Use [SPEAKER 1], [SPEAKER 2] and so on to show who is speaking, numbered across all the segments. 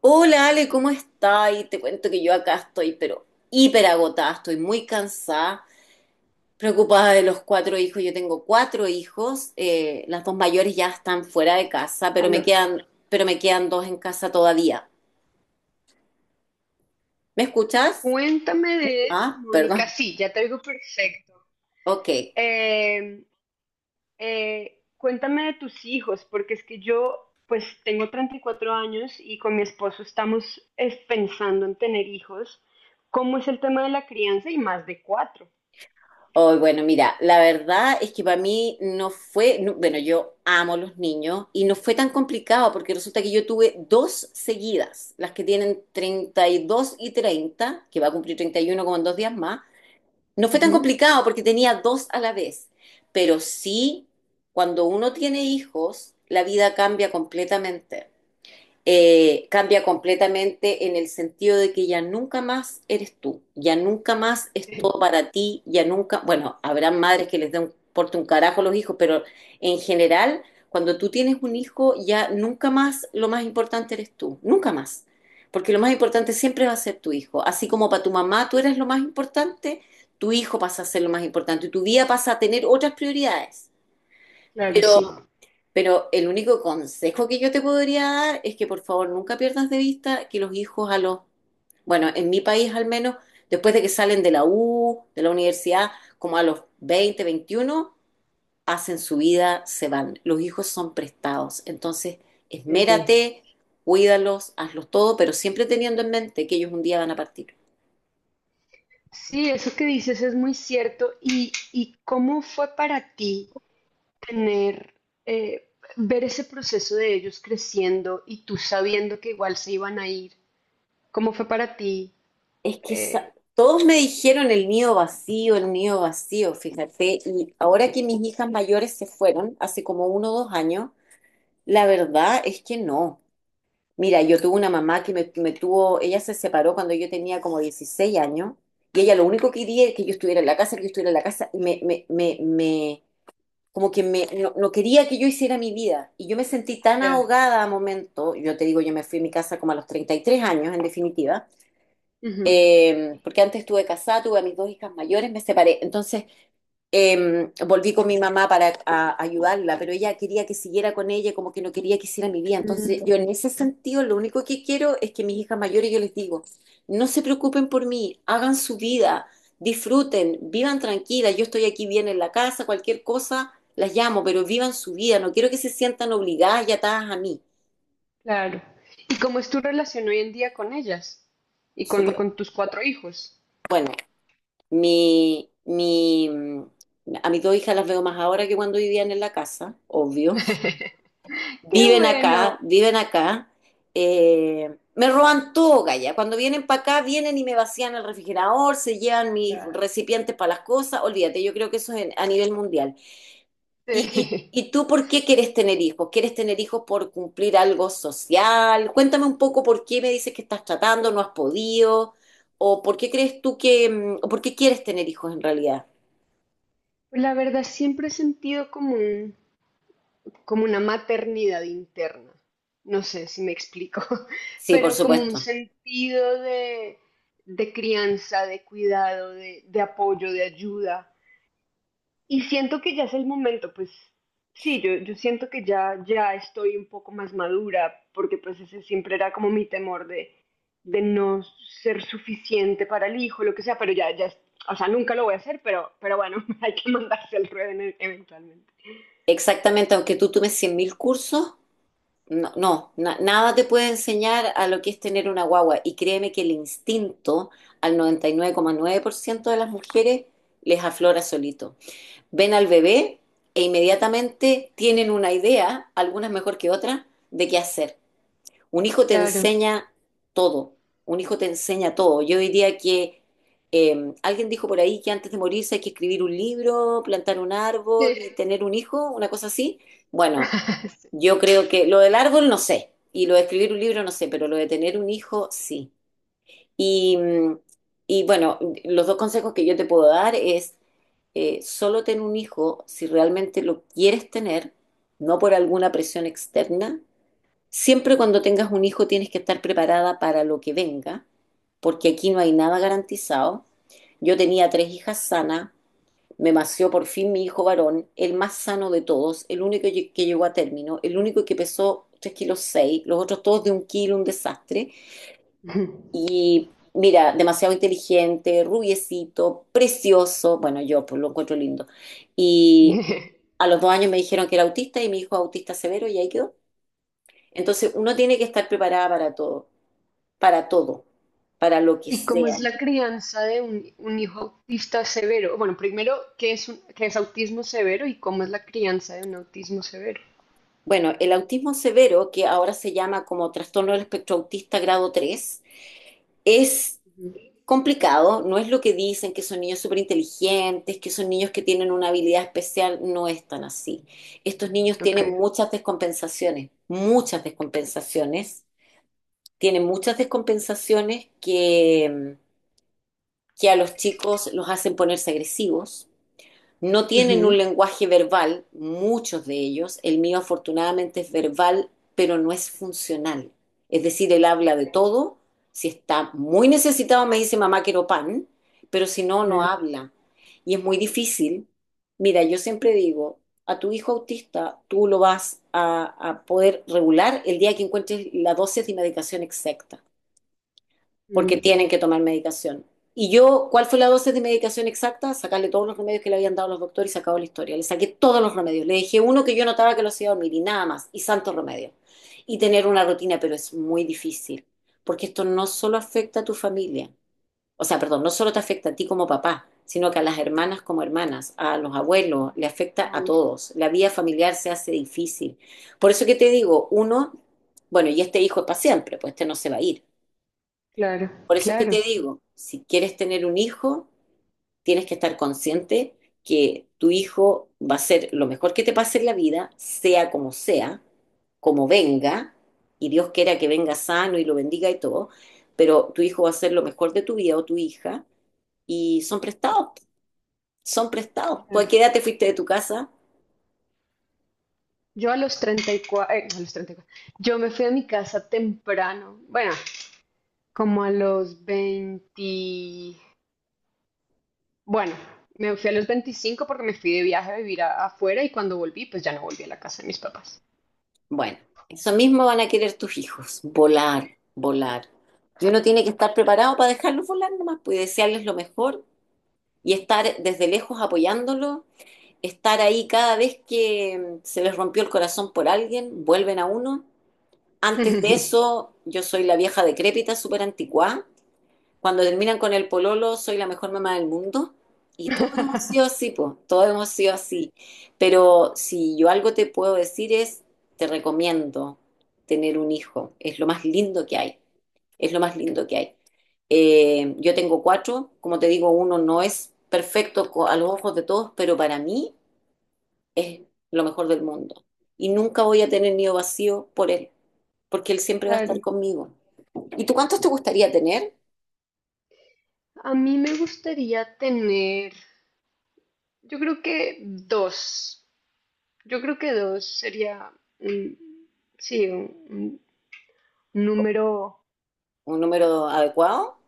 [SPEAKER 1] Hola Ale, ¿cómo estás? Y te cuento que yo acá estoy, pero hiper agotada, estoy muy cansada, preocupada de los cuatro hijos. Yo tengo cuatro hijos, las dos mayores ya están fuera de casa, pero me
[SPEAKER 2] Aló.
[SPEAKER 1] quedan, pero me quedan dos en casa todavía. ¿Me escuchas?
[SPEAKER 2] Cuéntame de eso,
[SPEAKER 1] Ah,
[SPEAKER 2] Mónica.
[SPEAKER 1] perdón.
[SPEAKER 2] Sí, ya te oigo perfecto.
[SPEAKER 1] Ok.
[SPEAKER 2] Eh, cuéntame de tus hijos, porque es que yo, pues tengo 34 años y con mi esposo estamos pensando en tener hijos. ¿Cómo es el tema de la crianza y más de cuatro?
[SPEAKER 1] Oh, bueno, mira, la verdad es que para mí no fue, bueno, yo amo los niños y no fue tan complicado porque resulta que yo tuve dos seguidas, las que tienen treinta y dos y treinta que va a cumplir 31 como en 2 días más. No fue tan
[SPEAKER 2] Ujú.
[SPEAKER 1] complicado porque tenía dos a la vez, pero sí, cuando uno tiene hijos, la vida cambia completamente. Cambia completamente en el sentido de que ya nunca más eres tú, ya nunca más es
[SPEAKER 2] Eh,
[SPEAKER 1] todo para ti, ya nunca, bueno, habrá madres que les den porte un carajo a los hijos, pero en general, cuando tú tienes un hijo, ya nunca más lo más importante eres tú, nunca más, porque lo más importante siempre va a ser tu hijo, así como para tu mamá tú eres lo más importante, tu hijo pasa a ser lo más importante y tu vida pasa a tener otras prioridades.
[SPEAKER 2] Claro, sí.
[SPEAKER 1] Pero
[SPEAKER 2] Ah.
[SPEAKER 1] pero el único consejo que yo te podría dar es que por favor nunca pierdas de vista que los hijos bueno, en mi país al menos, después de que salen de la U, de la universidad, como a los 20, 21, hacen su vida, se van. Los hijos son prestados. Entonces,
[SPEAKER 2] Eh,
[SPEAKER 1] esmérate, cuídalos, hazlos todo, pero siempre teniendo en mente que ellos un día van a partir.
[SPEAKER 2] Sí, eso que dices es muy cierto. ¿Y cómo fue para ti? tener, eh, ver ese proceso de ellos creciendo y tú sabiendo que igual se iban a ir, ¿cómo fue para ti?
[SPEAKER 1] Es que
[SPEAKER 2] Eh,
[SPEAKER 1] todos me dijeron el nido vacío, fíjate, y ahora que mis hijas mayores se fueron, hace como 1 o 2 años, la verdad es que no. Mira, yo tuve una mamá que me tuvo, ella se separó cuando yo tenía como 16 años, y ella lo único que quería es que yo estuviera en la casa, que yo estuviera en la casa, y como que no, no quería que yo hiciera mi vida, y yo me sentí tan
[SPEAKER 2] ya.
[SPEAKER 1] ahogada a momento, yo te digo, yo me fui a mi casa como a los 33 años, en definitiva.
[SPEAKER 2] Ujú.
[SPEAKER 1] Porque antes estuve casada, tuve a mis dos hijas mayores, me separé. Entonces volví con mi mamá para ayudarla, pero ella quería que siguiera con ella, como que no quería que hiciera mi vida. Entonces
[SPEAKER 2] Mm,
[SPEAKER 1] yo en ese sentido lo único que quiero es que mis hijas mayores, yo les digo, no se preocupen por mí, hagan su vida, disfruten, vivan tranquilas, yo estoy aquí bien en la casa, cualquier cosa, las llamo, pero vivan su vida, no quiero que se sientan obligadas y atadas a mí.
[SPEAKER 2] claro. ¿Y cómo es tu relación hoy en día con ellas y con,
[SPEAKER 1] Súper
[SPEAKER 2] con tus cuatro hijos?
[SPEAKER 1] bueno. Mi, mi, mm, a mis dos hijas las veo más ahora que cuando vivían en la casa, obvio.
[SPEAKER 2] Qué
[SPEAKER 1] Viven acá,
[SPEAKER 2] bueno.
[SPEAKER 1] viven acá. Me roban todo, Gaya. Cuando vienen para acá, vienen y me vacían el refrigerador, se llevan mis
[SPEAKER 2] Claro.
[SPEAKER 1] recipientes para las cosas. Olvídate, yo creo que eso es a nivel mundial. ¿Y, y,
[SPEAKER 2] Sí.
[SPEAKER 1] y tú por qué quieres tener hijos? ¿Quieres tener hijos por cumplir algo social? Cuéntame un poco por qué me dices que estás tratando, no has podido, o por qué crees tú o por qué quieres tener hijos en realidad.
[SPEAKER 2] Pues, la verdad, siempre he sentido como una maternidad interna. No sé si me explico,
[SPEAKER 1] Sí, por
[SPEAKER 2] pero como un
[SPEAKER 1] supuesto.
[SPEAKER 2] sentido de, crianza, de cuidado, de apoyo, de ayuda. Y siento que ya es el momento, pues sí, yo siento que ya estoy un poco más madura, porque pues ese siempre era como mi temor de, no ser suficiente para el hijo, lo que sea, pero ya, o sea, nunca lo voy a hacer, pero bueno, hay que mandarse al ruedo eventualmente.
[SPEAKER 1] Exactamente, aunque tú tomes 100.000 cursos, nada te puede enseñar a lo que es tener una guagua. Y créeme que el instinto al noventa y nueve coma nueve por ciento de las mujeres les aflora solito. Ven al bebé e inmediatamente tienen una idea, algunas mejor que otras, de qué hacer. Un hijo te
[SPEAKER 2] Claro.
[SPEAKER 1] enseña todo, un hijo te enseña todo. Yo diría que alguien dijo por ahí que antes de morirse hay que escribir un libro, plantar un árbol y
[SPEAKER 2] Sí.
[SPEAKER 1] tener un hijo, una cosa así. Bueno, yo creo que lo del árbol no sé, y lo de escribir un libro no sé, pero lo de tener un hijo sí. Y, mm, y bueno, los dos consejos que yo te puedo dar es solo ten un hijo si realmente lo quieres tener, no por alguna presión externa. Siempre cuando tengas un hijo tienes que estar preparada para lo que venga, porque aquí no hay nada garantizado. Yo tenía tres hijas sanas, me nació por fin mi hijo varón, el más sano de todos, el único que llegó a término, el único que pesó 3 kilos 6, los otros todos de un kilo, un desastre.
[SPEAKER 2] Ujú.
[SPEAKER 1] Y mira, demasiado inteligente, rubiecito, precioso, bueno, yo pues lo encuentro lindo. Y a los 2 años me dijeron que era autista y mi hijo es autista severo y ahí quedó. Entonces uno tiene que estar preparada para todo, para todo, para lo que
[SPEAKER 2] ¿Y cómo
[SPEAKER 1] sea.
[SPEAKER 2] es la crianza de un hijo autista severo? Bueno, primero, ¿qué es autismo severo y cómo es la crianza de un autismo severo?
[SPEAKER 1] Bueno, el autismo severo, que ahora se llama como trastorno del espectro autista grado tres, es
[SPEAKER 2] Ujú.
[SPEAKER 1] complicado, no es lo que dicen, que son niños súper inteligentes, que son niños que tienen una habilidad especial, no es tan así. Estos niños
[SPEAKER 2] Ok.
[SPEAKER 1] tienen muchas descompensaciones, tienen muchas descompensaciones que a los chicos los hacen ponerse agresivos, no tienen
[SPEAKER 2] Ujú,
[SPEAKER 1] un lenguaje verbal, muchos de ellos, el mío afortunadamente es verbal, pero no es funcional. Es decir, él habla de todo, si está muy necesitado me dice mamá quiero pan, pero si no, no
[SPEAKER 2] ya.
[SPEAKER 1] habla. Y es muy difícil. Mira, yo siempre digo, a tu hijo autista tú lo vas a poder regular el día que encuentres la dosis de medicación exacta porque
[SPEAKER 2] Mm.
[SPEAKER 1] tienen que tomar medicación. Y yo, ¿cuál fue la dosis de medicación exacta? Sacarle todos los remedios que le habían dado los doctores y se acabó la historia. Le saqué todos los remedios. Le dejé uno que yo notaba que lo hacía dormir y nada más. Y santo remedio. Y tener una rutina, pero es muy difícil. Porque esto no solo afecta a tu familia. O sea, perdón, no solo te afecta a ti como papá, sino que a las hermanas como hermanas, a los abuelos, le afecta a
[SPEAKER 2] Mm,
[SPEAKER 1] todos. La vida familiar se hace difícil. Por eso que te digo, uno, bueno, y este hijo es para siempre, pues este no se va a ir.
[SPEAKER 2] claro,
[SPEAKER 1] Por eso es que
[SPEAKER 2] claro.
[SPEAKER 1] te digo, si quieres tener un hijo, tienes que estar consciente que tu hijo va a ser lo mejor que te pase en la vida, sea, como venga, y Dios quiera que venga sano y lo bendiga y todo, pero tu hijo va a ser lo mejor de tu vida o tu hija, y son prestados, son prestados. ¿Tú a qué edad te fuiste de tu casa?
[SPEAKER 2] Yo a los 34, a los 34. Yo me fui a mi casa temprano, bueno, como a los 20, bueno, me fui a los 25 porque me fui de viaje a vivir afuera y cuando volví, pues ya no volví a la casa de mis papás.
[SPEAKER 1] Bueno, eso mismo van a querer tus hijos, volar, volar. Y uno tiene que estar preparado para dejarlos volar nomás, pues y desearles lo mejor y estar desde lejos apoyándolo, estar ahí cada vez que se les rompió el corazón por alguien, vuelven a uno. Antes de eso, yo soy la vieja decrépita, súper anticuada, cuando terminan con el pololo, soy la mejor mamá del mundo. Y todos hemos sido así, po, todos hemos sido así. Pero si yo algo te puedo decir es, te recomiendo tener un hijo. Es lo más lindo que hay. Es lo más lindo que hay. Yo tengo cuatro, como te digo, uno no es perfecto a los ojos de todos, pero para mí es lo mejor del mundo. Y nunca voy a tener nido vacío por él, porque él siempre va a estar
[SPEAKER 2] Claro.
[SPEAKER 1] conmigo. ¿Y tú cuántos te gustaría tener?
[SPEAKER 2] A mí me gustaría tener, yo creo que dos, yo creo que dos sería, un- sí, un número,
[SPEAKER 1] ¿Un número adecuado?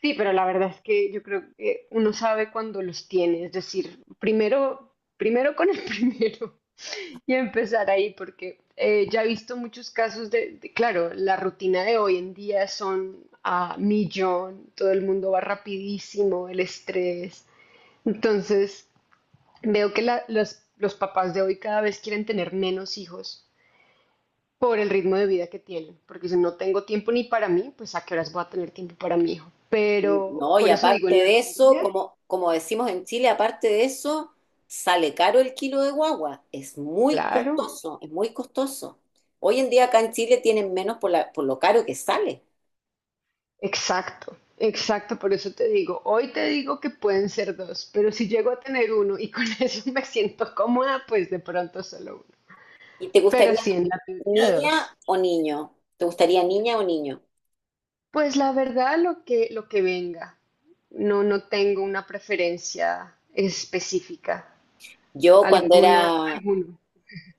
[SPEAKER 2] sí, pero la verdad es que yo creo que uno sabe cuando los tiene, es decir, primero, primero con el primero y empezar ahí, porque ya he visto muchos casos claro, la rutina de hoy en día son a millón, todo el mundo va rapidísimo, el estrés. Entonces, veo que los papás de hoy cada vez quieren tener menos hijos por el ritmo de vida que tienen, porque si no tengo tiempo ni para mí, pues a qué horas voy a tener tiempo para mi hijo. Pero
[SPEAKER 1] No, y
[SPEAKER 2] por eso digo,
[SPEAKER 1] aparte
[SPEAKER 2] en la
[SPEAKER 1] de eso,
[SPEAKER 2] teoría,
[SPEAKER 1] como decimos en Chile, aparte de eso, sale caro el kilo de guagua. Es muy
[SPEAKER 2] claro,
[SPEAKER 1] costoso, es muy costoso. Hoy en día acá en Chile tienen menos por lo caro que sale.
[SPEAKER 2] exacto, exacto, por eso te digo, hoy te digo que pueden ser dos, pero si llego a tener uno y con eso me siento cómoda, pues de pronto solo uno.
[SPEAKER 1] ¿Y te gustaría
[SPEAKER 2] Pero sí, en la teoría dos.
[SPEAKER 1] niña o niño? ¿Te gustaría niña o niño?
[SPEAKER 2] Pues la verdad, lo que venga. No, no tengo una preferencia específica.
[SPEAKER 1] Yo cuando
[SPEAKER 2] Alguna,
[SPEAKER 1] era,
[SPEAKER 2] alguno.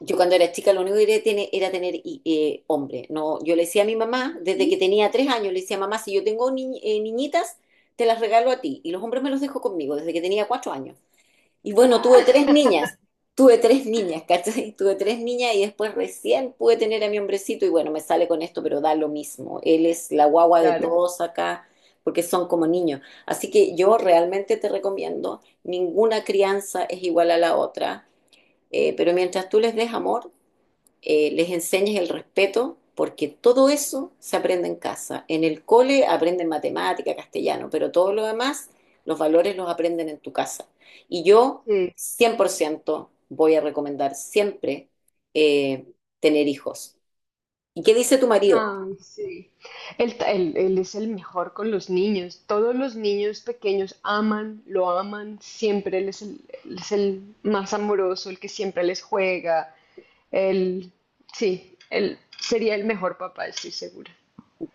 [SPEAKER 1] yo cuando era chica lo único que quería era tener hombre. No, yo le decía a mi mamá, desde que
[SPEAKER 2] ¿Sí?
[SPEAKER 1] tenía 3 años, le decía, mamá, si yo tengo niñitas, te las regalo a ti. Y los hombres me los dejo conmigo desde que tenía 4 años. Y bueno,
[SPEAKER 2] Ah,
[SPEAKER 1] tuve tres niñas, ¿cachai? Tuve tres niñas y después recién pude tener a mi hombrecito y bueno, me sale con esto, pero da lo mismo. Él es la guagua de
[SPEAKER 2] Claro.
[SPEAKER 1] todos acá porque son como niños. Así que yo realmente te recomiendo, ninguna crianza es igual a la otra, pero mientras tú les des amor, les enseñes el respeto, porque todo eso se aprende en casa. En el cole aprenden matemática, castellano, pero todo lo demás, los valores los aprenden en tu casa. Y yo
[SPEAKER 2] Sí.
[SPEAKER 1] 100%, voy a recomendar siempre eh, tener hijos. ¿Y qué dice tu marido?
[SPEAKER 2] Ay, sí. Él es el mejor con los niños. Todos los niños pequeños aman, lo aman. Siempre él es el más amoroso, el que siempre les juega. Él, sí, él sería el mejor papá, estoy segura.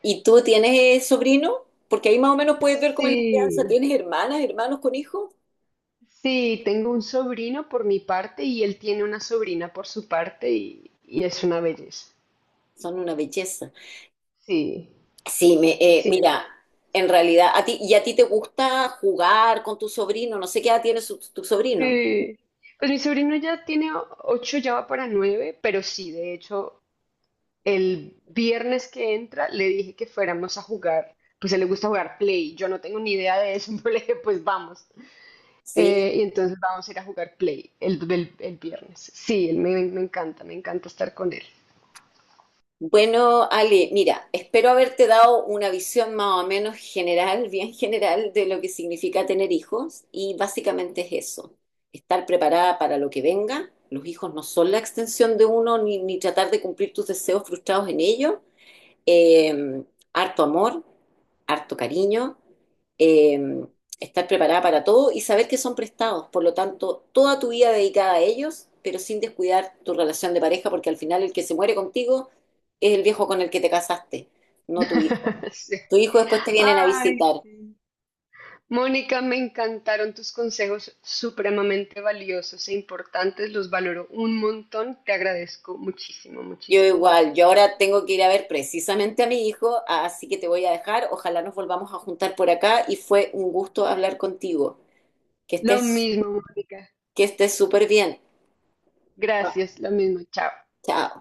[SPEAKER 1] ¿Y tú tienes sobrino? Porque ahí más o menos puedes ver cómo es la crianza.
[SPEAKER 2] Sí,
[SPEAKER 1] ¿Tienes hermanas, hermanos con hijos?
[SPEAKER 2] sí, tengo un sobrino por mi parte y él tiene una sobrina por su parte y es una belleza.
[SPEAKER 1] Son una belleza.
[SPEAKER 2] Sí,
[SPEAKER 1] Sí,
[SPEAKER 2] sí, es una.
[SPEAKER 1] mira, en realidad, ¿y a ti te gusta jugar con tu sobrino? No sé qué edad tiene tu sobrino.
[SPEAKER 2] Sí. Pues mi sobrino ya tiene ocho, ya va para nueve, pero sí, de hecho, el viernes que entra le dije que fuéramos a jugar, pues a él le gusta jugar Play, yo no tengo ni idea de eso, pero le dije, pues vamos. Y
[SPEAKER 1] Sí.
[SPEAKER 2] entonces vamos a ir a jugar Play el viernes. Sí, él me, me encanta estar con él.
[SPEAKER 1] Bueno, Ale, mira, espero haberte dado una visión más o menos general, bien general, de lo que significa tener hijos y básicamente es eso, estar preparada para lo que venga. Los hijos no son la extensión de uno, ni tratar de cumplir tus deseos frustrados en ellos, eh, harto amor, harto cariño, eh, estar preparada para todo y saber que son prestados. Por lo tanto, toda tu vida dedicada a ellos, pero sin descuidar tu relación de pareja, porque al final el que se muere contigo es el viejo con el que te casaste, no tu hijo.
[SPEAKER 2] Sí.
[SPEAKER 1] Tu hijo después te vienen a
[SPEAKER 2] Ay,
[SPEAKER 1] visitar.
[SPEAKER 2] sí. Mónica, me encantaron tus consejos supremamente valiosos e importantes, los valoro un montón, te agradezco muchísimo,
[SPEAKER 1] Yo
[SPEAKER 2] muchísimo,
[SPEAKER 1] igual, yo
[SPEAKER 2] muchísimo.
[SPEAKER 1] ahora tengo que ir a ver precisamente a mi hijo, así que te voy a dejar. Ojalá nos volvamos a juntar por acá y fue un gusto hablar contigo. Que
[SPEAKER 2] Lo
[SPEAKER 1] estés,
[SPEAKER 2] mismo, Mónica.
[SPEAKER 1] que estés súper bien.
[SPEAKER 2] Gracias, lo mismo, chao.
[SPEAKER 1] Chao.